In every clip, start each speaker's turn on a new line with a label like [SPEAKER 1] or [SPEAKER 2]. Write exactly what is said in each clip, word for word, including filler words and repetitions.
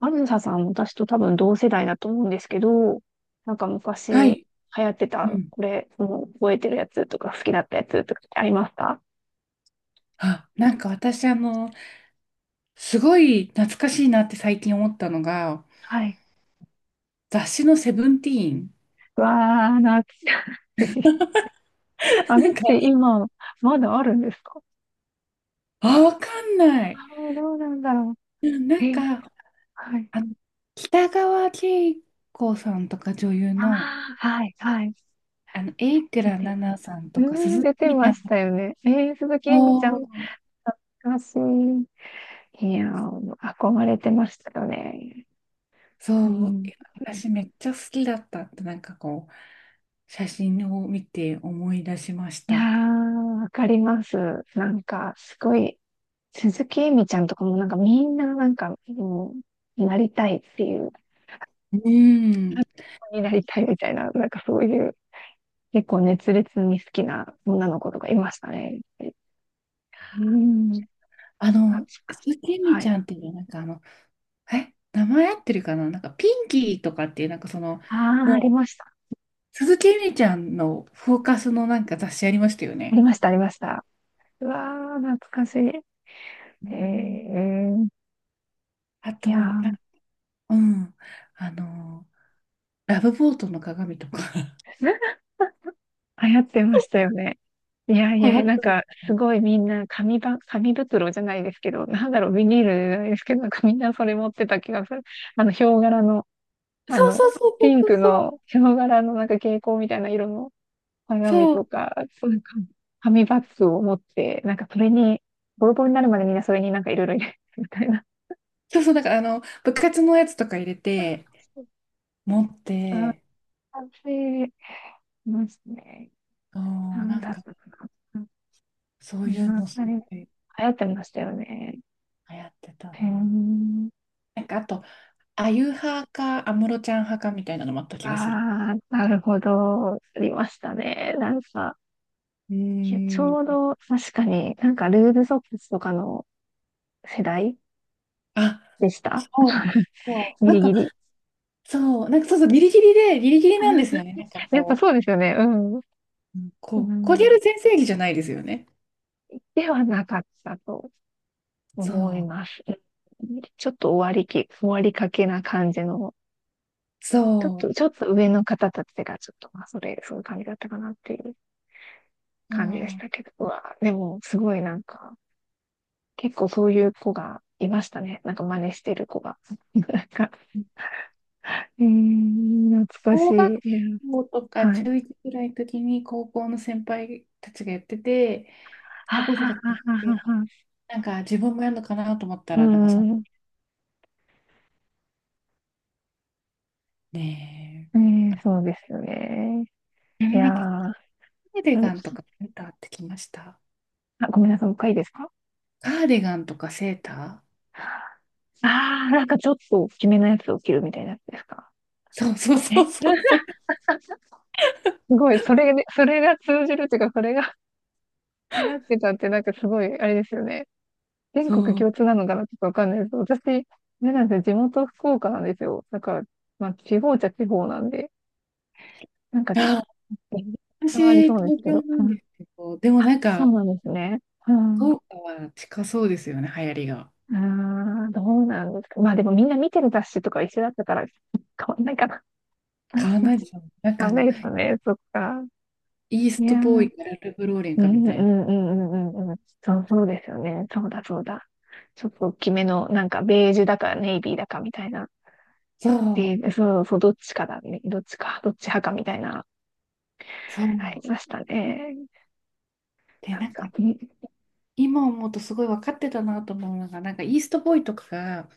[SPEAKER 1] あずささん、私と多分同世代だと思うんですけど、なんか
[SPEAKER 2] は
[SPEAKER 1] 昔
[SPEAKER 2] い。
[SPEAKER 1] 流行って
[SPEAKER 2] う
[SPEAKER 1] た、
[SPEAKER 2] ん。
[SPEAKER 1] これ、もう覚えてるやつとか好きだったやつとかありますか？
[SPEAKER 2] あ、なんか私、あの、すごい懐かしいなって最近思ったのが、
[SPEAKER 1] はい。
[SPEAKER 2] 雑誌のセブンティーン。
[SPEAKER 1] うわー、懐かしい。あ
[SPEAKER 2] な
[SPEAKER 1] のっ
[SPEAKER 2] んか、
[SPEAKER 1] て今、まだあるんですか？
[SPEAKER 2] あ、わかんな
[SPEAKER 1] あ
[SPEAKER 2] い。
[SPEAKER 1] あー、どうなんだろ
[SPEAKER 2] うん。な
[SPEAKER 1] う。
[SPEAKER 2] んか、
[SPEAKER 1] え、はい。
[SPEAKER 2] あの、北川景子さんとか女優
[SPEAKER 1] あ
[SPEAKER 2] の、
[SPEAKER 1] あ、はい、はい。
[SPEAKER 2] あの、榮倉
[SPEAKER 1] 出てま
[SPEAKER 2] 奈
[SPEAKER 1] す。
[SPEAKER 2] 々さん
[SPEAKER 1] う
[SPEAKER 2] とか、
[SPEAKER 1] ーん、
[SPEAKER 2] 鈴
[SPEAKER 1] 出
[SPEAKER 2] 木
[SPEAKER 1] て
[SPEAKER 2] みた
[SPEAKER 1] ま
[SPEAKER 2] い
[SPEAKER 1] し
[SPEAKER 2] な。
[SPEAKER 1] たよね。えー、鈴木
[SPEAKER 2] お
[SPEAKER 1] えみちゃん、
[SPEAKER 2] ー、
[SPEAKER 1] 懐かしい。いやー、憧れてましたよね。う
[SPEAKER 2] そう。
[SPEAKER 1] ん、
[SPEAKER 2] いや、私めっちゃ好きだったって、なんかこう、写真を見て思い出しまし
[SPEAKER 1] いや
[SPEAKER 2] た。
[SPEAKER 1] ー、わかります。なんか、すごい、鈴木えみちゃんとかもなんかみんななんか、もう、なりたいっていう、
[SPEAKER 2] うん。
[SPEAKER 1] になりたいみたいな、なんかそういう、結構熱烈に好きな女の子とかいましたね。うん、
[SPEAKER 2] あ
[SPEAKER 1] 確
[SPEAKER 2] の、
[SPEAKER 1] かしい、
[SPEAKER 2] スキミ
[SPEAKER 1] は
[SPEAKER 2] ちゃ
[SPEAKER 1] い。
[SPEAKER 2] んっていうのはなんかあの、え、名前合ってるかな、なんかピンキーとかっていうなんかその、
[SPEAKER 1] ああ、あり
[SPEAKER 2] もう、
[SPEAKER 1] ました。
[SPEAKER 2] 鈴木えみちゃんのフォーカスのなんか雑誌ありましたよ
[SPEAKER 1] あり
[SPEAKER 2] ね。
[SPEAKER 1] ました、ありました。うわー、懐かしい。
[SPEAKER 2] うん。
[SPEAKER 1] えー、
[SPEAKER 2] あ
[SPEAKER 1] い
[SPEAKER 2] と、
[SPEAKER 1] やー、
[SPEAKER 2] なうん、あの、ラブボートの鏡とか。
[SPEAKER 1] 流行ってましたよね。いやい
[SPEAKER 2] 流
[SPEAKER 1] や、なん
[SPEAKER 2] 行
[SPEAKER 1] か、すごいみんな紙ば、紙袋じゃないですけど、なんだろう、ビニールじゃないですけど、なんかみんなそれ持ってた気がする。あの、ヒョウ柄の、あ
[SPEAKER 2] そうそ
[SPEAKER 1] の、
[SPEAKER 2] うそうそ
[SPEAKER 1] ピ
[SPEAKER 2] う
[SPEAKER 1] ン
[SPEAKER 2] そう
[SPEAKER 1] ク
[SPEAKER 2] そう。
[SPEAKER 1] のヒョウ柄のなんか蛍光みたいな色の鏡
[SPEAKER 2] そう、
[SPEAKER 1] とか、そういうか紙バッグを持って、なんかそれに、ボロボロになるまでみんなそれになんかいろいろ入れてみたいな。
[SPEAKER 2] そうそう、だからあの、部活のやつとか入れて、
[SPEAKER 1] そ
[SPEAKER 2] 持っ
[SPEAKER 1] うん、
[SPEAKER 2] て、
[SPEAKER 1] 完成しますね。
[SPEAKER 2] そう、
[SPEAKER 1] なん
[SPEAKER 2] なん
[SPEAKER 1] だっ
[SPEAKER 2] か、
[SPEAKER 1] たかな。
[SPEAKER 2] そ
[SPEAKER 1] う
[SPEAKER 2] うい
[SPEAKER 1] ん、
[SPEAKER 2] う
[SPEAKER 1] あ
[SPEAKER 2] のす
[SPEAKER 1] れ、
[SPEAKER 2] ご
[SPEAKER 1] 流
[SPEAKER 2] い流
[SPEAKER 1] 行ってましたよね。
[SPEAKER 2] 行ってた
[SPEAKER 1] へ
[SPEAKER 2] な。
[SPEAKER 1] え。
[SPEAKER 2] なんかあと、あゆ派か安室ちゃん派かみたいなのもあった気がする。
[SPEAKER 1] ああ、なるほど。ありましたね。なんか、
[SPEAKER 2] う
[SPEAKER 1] いやち
[SPEAKER 2] ー
[SPEAKER 1] ょう
[SPEAKER 2] ん。
[SPEAKER 1] ど確かになんかルーズソックスとかの世代
[SPEAKER 2] あ、
[SPEAKER 1] でした。
[SPEAKER 2] そう。そう、
[SPEAKER 1] ギ
[SPEAKER 2] なん
[SPEAKER 1] リ
[SPEAKER 2] か、
[SPEAKER 1] ギリ。
[SPEAKER 2] そう、なんかそうそう、ギリギリで、ギリギリなんですよ
[SPEAKER 1] あ、
[SPEAKER 2] ね。なんか
[SPEAKER 1] やっぱ
[SPEAKER 2] こ
[SPEAKER 1] そうですよね。うん。
[SPEAKER 2] う、うん、こ
[SPEAKER 1] う
[SPEAKER 2] う、コリャ
[SPEAKER 1] ん。
[SPEAKER 2] ル全盛期じゃないですよね。
[SPEAKER 1] ではなかったと
[SPEAKER 2] そ
[SPEAKER 1] 思い
[SPEAKER 2] う、
[SPEAKER 1] ます。ちょっと終わりき、終わりかけな感じの、ちょっ
[SPEAKER 2] そ
[SPEAKER 1] と、ちょっと上の方たちがちょっと、まあ、それ、そういう感じだったかなっていう
[SPEAKER 2] う、
[SPEAKER 1] 感じでし
[SPEAKER 2] そ
[SPEAKER 1] たけど、うわ、でも、すごいなんか、結構そういう子がいましたね。なんか真似してる子が。なんか、
[SPEAKER 2] う。
[SPEAKER 1] えー、懐かし
[SPEAKER 2] 小学
[SPEAKER 1] い。
[SPEAKER 2] 校とか
[SPEAKER 1] はい。
[SPEAKER 2] 中一ぐらいの時に高校の先輩たちがやってて、
[SPEAKER 1] は
[SPEAKER 2] 高校生
[SPEAKER 1] はは
[SPEAKER 2] たちがやって
[SPEAKER 1] はは
[SPEAKER 2] て、
[SPEAKER 1] は。
[SPEAKER 2] なんか自分もやるのかなと思った
[SPEAKER 1] う
[SPEAKER 2] ら、なんかその
[SPEAKER 1] ん。
[SPEAKER 2] ね
[SPEAKER 1] えー、そうですよね。
[SPEAKER 2] え、や
[SPEAKER 1] い
[SPEAKER 2] れ
[SPEAKER 1] や
[SPEAKER 2] なかっカ
[SPEAKER 1] ー、
[SPEAKER 2] ーディガ
[SPEAKER 1] う、
[SPEAKER 2] ンとかセーターってきました。
[SPEAKER 1] あ、ごめんなさい、もう一回いいですか？
[SPEAKER 2] カーディガンとかセーター。
[SPEAKER 1] あー、なんかちょっと大きめのやつを着るみたいなやつですか？
[SPEAKER 2] そうそうそ
[SPEAKER 1] え、
[SPEAKER 2] うそう そう。
[SPEAKER 1] すごい、それで、それが通じるっていうか、それが 流行ってたって、なんかすごい、あれですよね。全国
[SPEAKER 2] そう。
[SPEAKER 1] 共通なのかなちょっとわかんないです。私、あれなんですよ。地元福岡なんですよ。だから、まあ、地方っちゃ地方なんで、なんかちょっ
[SPEAKER 2] あ、
[SPEAKER 1] と、差はあり
[SPEAKER 2] 私、
[SPEAKER 1] そうです
[SPEAKER 2] 東
[SPEAKER 1] け
[SPEAKER 2] 京
[SPEAKER 1] ど。
[SPEAKER 2] な
[SPEAKER 1] う
[SPEAKER 2] ん
[SPEAKER 1] ん、
[SPEAKER 2] ですけど、でもなん
[SPEAKER 1] そう
[SPEAKER 2] か、
[SPEAKER 1] なんですね。う
[SPEAKER 2] 福
[SPEAKER 1] ん。
[SPEAKER 2] 岡は近そうですよね、流行りが。
[SPEAKER 1] ああ、どうなんですか。まあでもみんな見てる雑誌とか一緒だったから、変わんないかな。
[SPEAKER 2] 変わんない でしょ。なんか
[SPEAKER 1] ダ
[SPEAKER 2] あの、
[SPEAKER 1] メですよね。そっか。
[SPEAKER 2] イース
[SPEAKER 1] いや
[SPEAKER 2] トボー
[SPEAKER 1] ー。
[SPEAKER 2] イかラルフローレン
[SPEAKER 1] う
[SPEAKER 2] かみ
[SPEAKER 1] んう
[SPEAKER 2] たいな。
[SPEAKER 1] んうんうんうんうん。そう、そうですよね。そうだそうだ。ちょっと大きめの、なんかベージュだかネイビーだかみたいな。
[SPEAKER 2] そ
[SPEAKER 1] え
[SPEAKER 2] う、
[SPEAKER 1] ーそうそう、どっちかだね。どっちか、どっち派かみたいな、
[SPEAKER 2] そ
[SPEAKER 1] あ
[SPEAKER 2] う。
[SPEAKER 1] りましたね。
[SPEAKER 2] で、
[SPEAKER 1] なん
[SPEAKER 2] なんか、
[SPEAKER 1] か、うん、
[SPEAKER 2] 今思うとすごい分かってたなと思うのが、なんかイーストボーイとかが、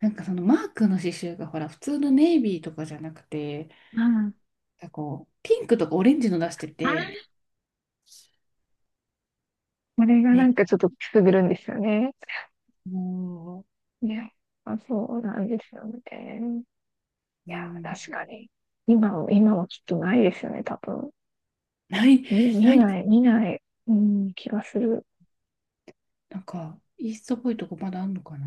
[SPEAKER 2] なんかそのマークの刺繍がほら、普通のネイビーとかじゃなくて、
[SPEAKER 1] あ
[SPEAKER 2] なんかこう、ピンクとかオレンジの出して
[SPEAKER 1] あ、
[SPEAKER 2] て、
[SPEAKER 1] これがなん
[SPEAKER 2] ね。
[SPEAKER 1] かちょっとくすぐるんですよね。
[SPEAKER 2] も
[SPEAKER 1] ね。まあ、そうなんですよね。
[SPEAKER 2] う、
[SPEAKER 1] い
[SPEAKER 2] う
[SPEAKER 1] や、
[SPEAKER 2] ん、
[SPEAKER 1] 確かに。今も、今もきっとないですよね、多分。
[SPEAKER 2] ない。
[SPEAKER 1] み見ない、見ない、うん、気がする。
[SPEAKER 2] なんか、イーストっぽいとこまだあんのかな。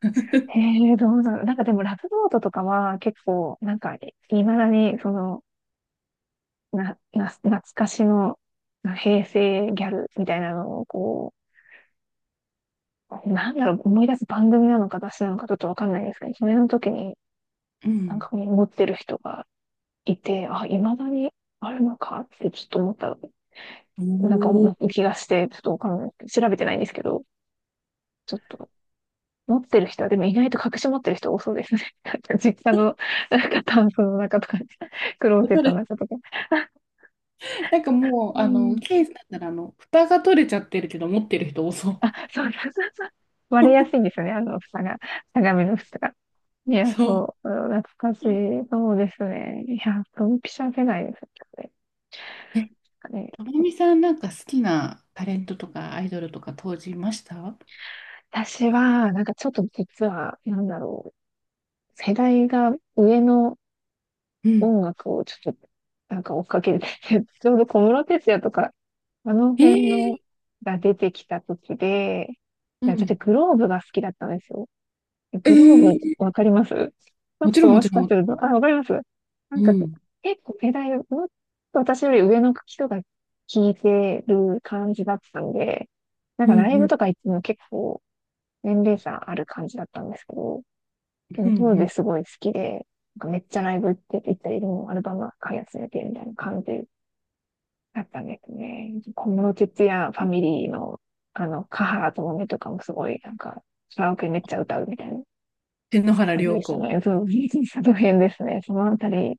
[SPEAKER 1] え、えどうなの、なんかでも、ラブノートとかは結構、なんかね、いまだに、その、な、な、懐かしの、な平成ギャルみたいなのを、こう、なんだろう、思い出す番組なのか私なのかちょっとわかんないですけど、それの時に
[SPEAKER 2] う
[SPEAKER 1] なん
[SPEAKER 2] ん。
[SPEAKER 1] か持ってる人がいて、あ、未だにあるのかってちょっと思った、
[SPEAKER 2] お
[SPEAKER 1] なんか思う
[SPEAKER 2] お、
[SPEAKER 1] 気がして、ちょっとわかんない。調べてないんですけど、ちょっと持ってる人は、でも意外と隠し持ってる人多そうですね。なんか実家の、なんかタンスの中とか、クローゼッ
[SPEAKER 2] わ
[SPEAKER 1] ト
[SPEAKER 2] れ、
[SPEAKER 1] の中とか。
[SPEAKER 2] なんかもう、
[SPEAKER 1] う
[SPEAKER 2] あの、
[SPEAKER 1] ん。
[SPEAKER 2] ケースだったら、あの、蓋が取れちゃってるけど、持ってる人多そう。
[SPEAKER 1] あ、そうそうそうそう。割れやすい んですよね、あの、蓋が。鏡の蓋が。いや、
[SPEAKER 2] そう。
[SPEAKER 1] そう、懐かしい。そうですね。いや、ドンピシャ世代ですよね。
[SPEAKER 2] え、
[SPEAKER 1] ね、
[SPEAKER 2] ともみさん、なんか好きなタレントとかアイドルとか当時いました？
[SPEAKER 1] 私は、なんかちょっと実は、なんだろう、世代が上の
[SPEAKER 2] う
[SPEAKER 1] 音
[SPEAKER 2] ん。
[SPEAKER 1] 楽をちょっと、なんか追っかけてて、ちょうど小室哲哉とか、あの
[SPEAKER 2] え
[SPEAKER 1] 辺の
[SPEAKER 2] ー
[SPEAKER 1] が出てきた時で、い
[SPEAKER 2] う
[SPEAKER 1] や、私
[SPEAKER 2] ん。
[SPEAKER 1] グローブが好きだったんですよ。
[SPEAKER 2] え
[SPEAKER 1] グローブ、わ
[SPEAKER 2] ー、
[SPEAKER 1] かりますちょっ
[SPEAKER 2] もちろん、
[SPEAKER 1] と
[SPEAKER 2] も
[SPEAKER 1] もし
[SPEAKER 2] ちろん、
[SPEAKER 1] か
[SPEAKER 2] も
[SPEAKER 1] す
[SPEAKER 2] ち
[SPEAKER 1] ると、あ、わかります？な
[SPEAKER 2] ろ
[SPEAKER 1] ん
[SPEAKER 2] ん。
[SPEAKER 1] か、
[SPEAKER 2] うん。
[SPEAKER 1] 結構世代、もっと私より上の人が聞いてる感じだったんで、なん
[SPEAKER 2] う
[SPEAKER 1] か
[SPEAKER 2] ん
[SPEAKER 1] ライ
[SPEAKER 2] う
[SPEAKER 1] ブ
[SPEAKER 2] ん。
[SPEAKER 1] とか行っても結構年齢差ある感じだったんですけど、で
[SPEAKER 2] う
[SPEAKER 1] も
[SPEAKER 2] んう
[SPEAKER 1] 当時
[SPEAKER 2] ん。
[SPEAKER 1] すごい好きで、なんかめっちゃライブ行って行ったり、もうアルバム買い集めてみたいな感じだったんですね。小室哲哉ファミリーの、あの、カハラともめとかもすごい、なんか、カラオケめっちゃ歌うみたいな。
[SPEAKER 2] 天皇原
[SPEAKER 1] 感じ
[SPEAKER 2] 涼
[SPEAKER 1] でした
[SPEAKER 2] 子。
[SPEAKER 1] ね。そう、技の辺ですね。そのあたり、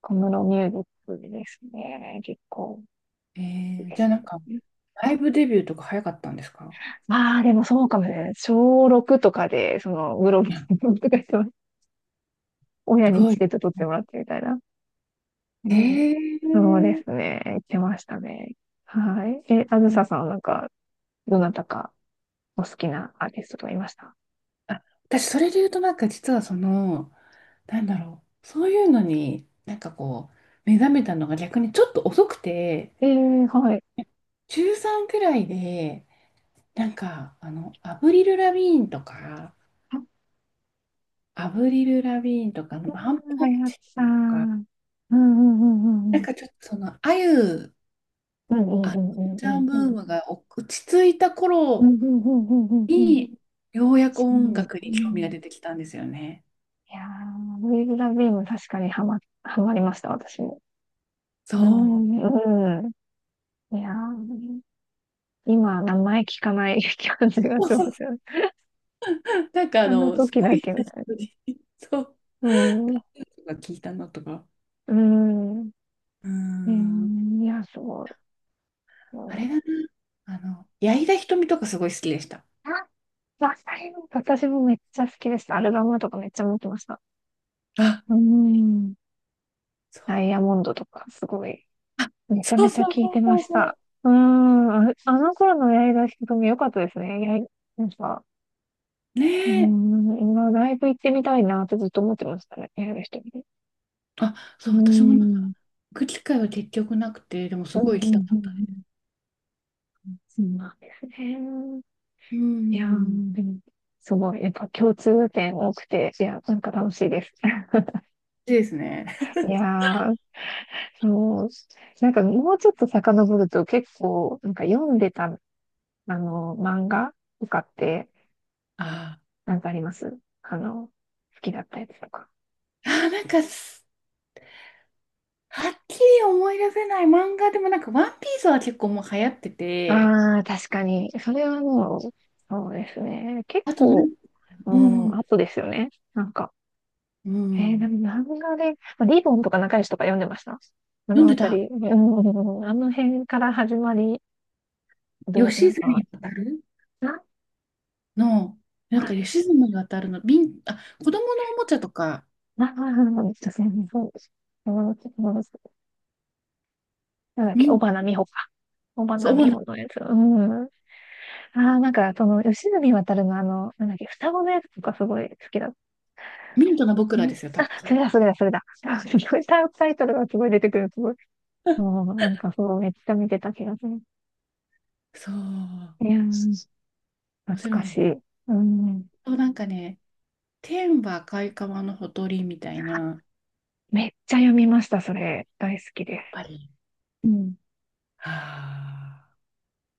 [SPEAKER 1] 小室ミュージックですね。結構
[SPEAKER 2] え
[SPEAKER 1] いい
[SPEAKER 2] ー、
[SPEAKER 1] で
[SPEAKER 2] じゃあ
[SPEAKER 1] す。
[SPEAKER 2] なんか、ライブデビューとか早かったんですか？
[SPEAKER 1] まあ、でもそうかもね。小ろくとかで、その、グローブとかしてます、親
[SPEAKER 2] す
[SPEAKER 1] に
[SPEAKER 2] ご
[SPEAKER 1] チ
[SPEAKER 2] い。
[SPEAKER 1] ケット取っ
[SPEAKER 2] は
[SPEAKER 1] て
[SPEAKER 2] い。
[SPEAKER 1] もらってみたいな。う
[SPEAKER 2] へ
[SPEAKER 1] ん、
[SPEAKER 2] え。
[SPEAKER 1] そうですね。行ってましたね。はい。え、あずささんはなんか、どなたかお好きなアーティストとかいました？
[SPEAKER 2] あ、私、それで言うと、なんか実はその、なんだろう、そういうのに、なんかこう、目覚めたのが逆にちょっと遅くて、
[SPEAKER 1] ええー、はい。
[SPEAKER 2] 中ちゅうさんくらいで、なんか、あの、アブリル・ラビーンとか、
[SPEAKER 1] あ
[SPEAKER 2] アブリル・ラビーンとか、あ
[SPEAKER 1] あ、
[SPEAKER 2] のバンポ
[SPEAKER 1] は
[SPEAKER 2] ー
[SPEAKER 1] や
[SPEAKER 2] チ
[SPEAKER 1] つさ
[SPEAKER 2] キンとか、
[SPEAKER 1] ん。うんうんうんうんう
[SPEAKER 2] なん
[SPEAKER 1] ん。
[SPEAKER 2] かちょっとその、あゆ、
[SPEAKER 1] うんうん
[SPEAKER 2] あの
[SPEAKER 1] うん
[SPEAKER 2] ち
[SPEAKER 1] う
[SPEAKER 2] ゃ
[SPEAKER 1] ん
[SPEAKER 2] んブ
[SPEAKER 1] う
[SPEAKER 2] ー
[SPEAKER 1] ん。
[SPEAKER 2] ムが落ち着いた
[SPEAKER 1] う
[SPEAKER 2] 頃
[SPEAKER 1] んうんうんうんうんうん。
[SPEAKER 2] に、ようやく
[SPEAKER 1] 確か
[SPEAKER 2] 音
[SPEAKER 1] に
[SPEAKER 2] 楽
[SPEAKER 1] う
[SPEAKER 2] に興味が
[SPEAKER 1] ん。
[SPEAKER 2] 出てきたんですよね。
[SPEAKER 1] いやー、ウィル・ラビーム確かにハマ、ハマりました、私も。
[SPEAKER 2] そ
[SPEAKER 1] う
[SPEAKER 2] う。
[SPEAKER 1] ん、うん。いやー、今、名前聞かない 感じがしますよね。
[SPEAKER 2] なんかあ
[SPEAKER 1] あの
[SPEAKER 2] の、す
[SPEAKER 1] 時
[SPEAKER 2] ご
[SPEAKER 1] だ
[SPEAKER 2] い
[SPEAKER 1] け
[SPEAKER 2] 久
[SPEAKER 1] み
[SPEAKER 2] し
[SPEAKER 1] たい
[SPEAKER 2] ぶりに、そう、
[SPEAKER 1] な。うん、
[SPEAKER 2] とか聞いたのとか。
[SPEAKER 1] うん。
[SPEAKER 2] うー
[SPEAKER 1] え
[SPEAKER 2] ん、
[SPEAKER 1] ー、いや、そう。
[SPEAKER 2] あ
[SPEAKER 1] そ
[SPEAKER 2] れ
[SPEAKER 1] う
[SPEAKER 2] だな。あの、矢井田みとかすごい好きでした。
[SPEAKER 1] あ、わかります。私もめっちゃ好きでした。アルバムとかめっちゃ持ってました。
[SPEAKER 2] あ、
[SPEAKER 1] うん。
[SPEAKER 2] そう、
[SPEAKER 1] ダイヤモンドとか、すごい。
[SPEAKER 2] あ、
[SPEAKER 1] めちゃ
[SPEAKER 2] そう
[SPEAKER 1] めちゃ
[SPEAKER 2] そう
[SPEAKER 1] 聞い
[SPEAKER 2] そう
[SPEAKER 1] てま
[SPEAKER 2] そう
[SPEAKER 1] した。
[SPEAKER 2] そ
[SPEAKER 1] うーん、あ、あの頃の八重樫ひとみ良かったですね。やい、なんか、
[SPEAKER 2] う。ね
[SPEAKER 1] うー
[SPEAKER 2] え。
[SPEAKER 1] ん、今ライブ行ってみたいなってずっと思ってましたね。八重樫ひとみ。
[SPEAKER 2] あ、そ
[SPEAKER 1] う
[SPEAKER 2] う、
[SPEAKER 1] ー
[SPEAKER 2] 私もなんか、
[SPEAKER 1] ん、
[SPEAKER 2] 行く機会は結局なくて、でも
[SPEAKER 1] う
[SPEAKER 2] す
[SPEAKER 1] ん、う
[SPEAKER 2] ごい行きた
[SPEAKER 1] ん、う
[SPEAKER 2] か
[SPEAKER 1] ん、う
[SPEAKER 2] ったです。
[SPEAKER 1] ん。うん、そうなんですね。
[SPEAKER 2] うー
[SPEAKER 1] いや
[SPEAKER 2] ん。
[SPEAKER 1] ー、でも、すごい、やっぱ共通点多くて、いや、なんか楽しいです。
[SPEAKER 2] いいですね。
[SPEAKER 1] いやー、そう、なんかもうちょっと遡ると結構、なんか読んでた、あの、漫画とかって、
[SPEAKER 2] あ
[SPEAKER 1] なんかあります？あの、好きだったやつとか。
[SPEAKER 2] ーあー、なんかす、はっきり思い出せない漫画でもなんか、ワンピースは結構もう流行ってて、
[SPEAKER 1] ああ、確かに。それはもう、そうですね。結
[SPEAKER 2] あとな
[SPEAKER 1] 構、
[SPEAKER 2] ん、
[SPEAKER 1] う
[SPEAKER 2] うん、う
[SPEAKER 1] ん、
[SPEAKER 2] ん。
[SPEAKER 1] あとですよね。なんか、
[SPEAKER 2] う
[SPEAKER 1] えー、
[SPEAKER 2] ん、
[SPEAKER 1] な漫画で、まあリボンとか仲良しとか読んでました。あ
[SPEAKER 2] 読ん
[SPEAKER 1] のあ
[SPEAKER 2] で
[SPEAKER 1] た
[SPEAKER 2] た。
[SPEAKER 1] りうん、あの辺から始まり、どう、な
[SPEAKER 2] 吉
[SPEAKER 1] ん
[SPEAKER 2] 住
[SPEAKER 1] か、
[SPEAKER 2] 渡る
[SPEAKER 1] な、
[SPEAKER 2] の、なんか
[SPEAKER 1] 前、
[SPEAKER 2] 吉住渡るの、ミン、あ、子供のおもちゃとか、
[SPEAKER 1] な、な、な、な、そうです。友達友達なんだっけ、
[SPEAKER 2] ミ
[SPEAKER 1] 尾
[SPEAKER 2] ン、
[SPEAKER 1] 花美穂か。尾
[SPEAKER 2] そ
[SPEAKER 1] 花
[SPEAKER 2] う、
[SPEAKER 1] 美
[SPEAKER 2] 主な、
[SPEAKER 1] 穂のやつ。うん。ああ、なんか、その、吉住渉のあの、なんだっけ、双子のやつとかすごい好きだっ、
[SPEAKER 2] ミントの僕ら
[SPEAKER 1] ね
[SPEAKER 2] ですよ、多
[SPEAKER 1] あ、
[SPEAKER 2] 分そ
[SPEAKER 1] それ
[SPEAKER 2] れ。
[SPEAKER 1] だ、それだ、それだ。あすごいタイタイトルがすごい出てくる。すごい。もう、なんかそう、めっちゃ見てた気がする。
[SPEAKER 2] そう、
[SPEAKER 1] いやー、
[SPEAKER 2] 面
[SPEAKER 1] 懐
[SPEAKER 2] 白
[SPEAKER 1] か
[SPEAKER 2] いの。
[SPEAKER 1] しい。うん。
[SPEAKER 2] そう、なんかね、天は赤い川のほとりみたいな、やっ
[SPEAKER 1] めっちゃ読みました、それ。大好きです。
[SPEAKER 2] ぱり。
[SPEAKER 1] うん。
[SPEAKER 2] はあ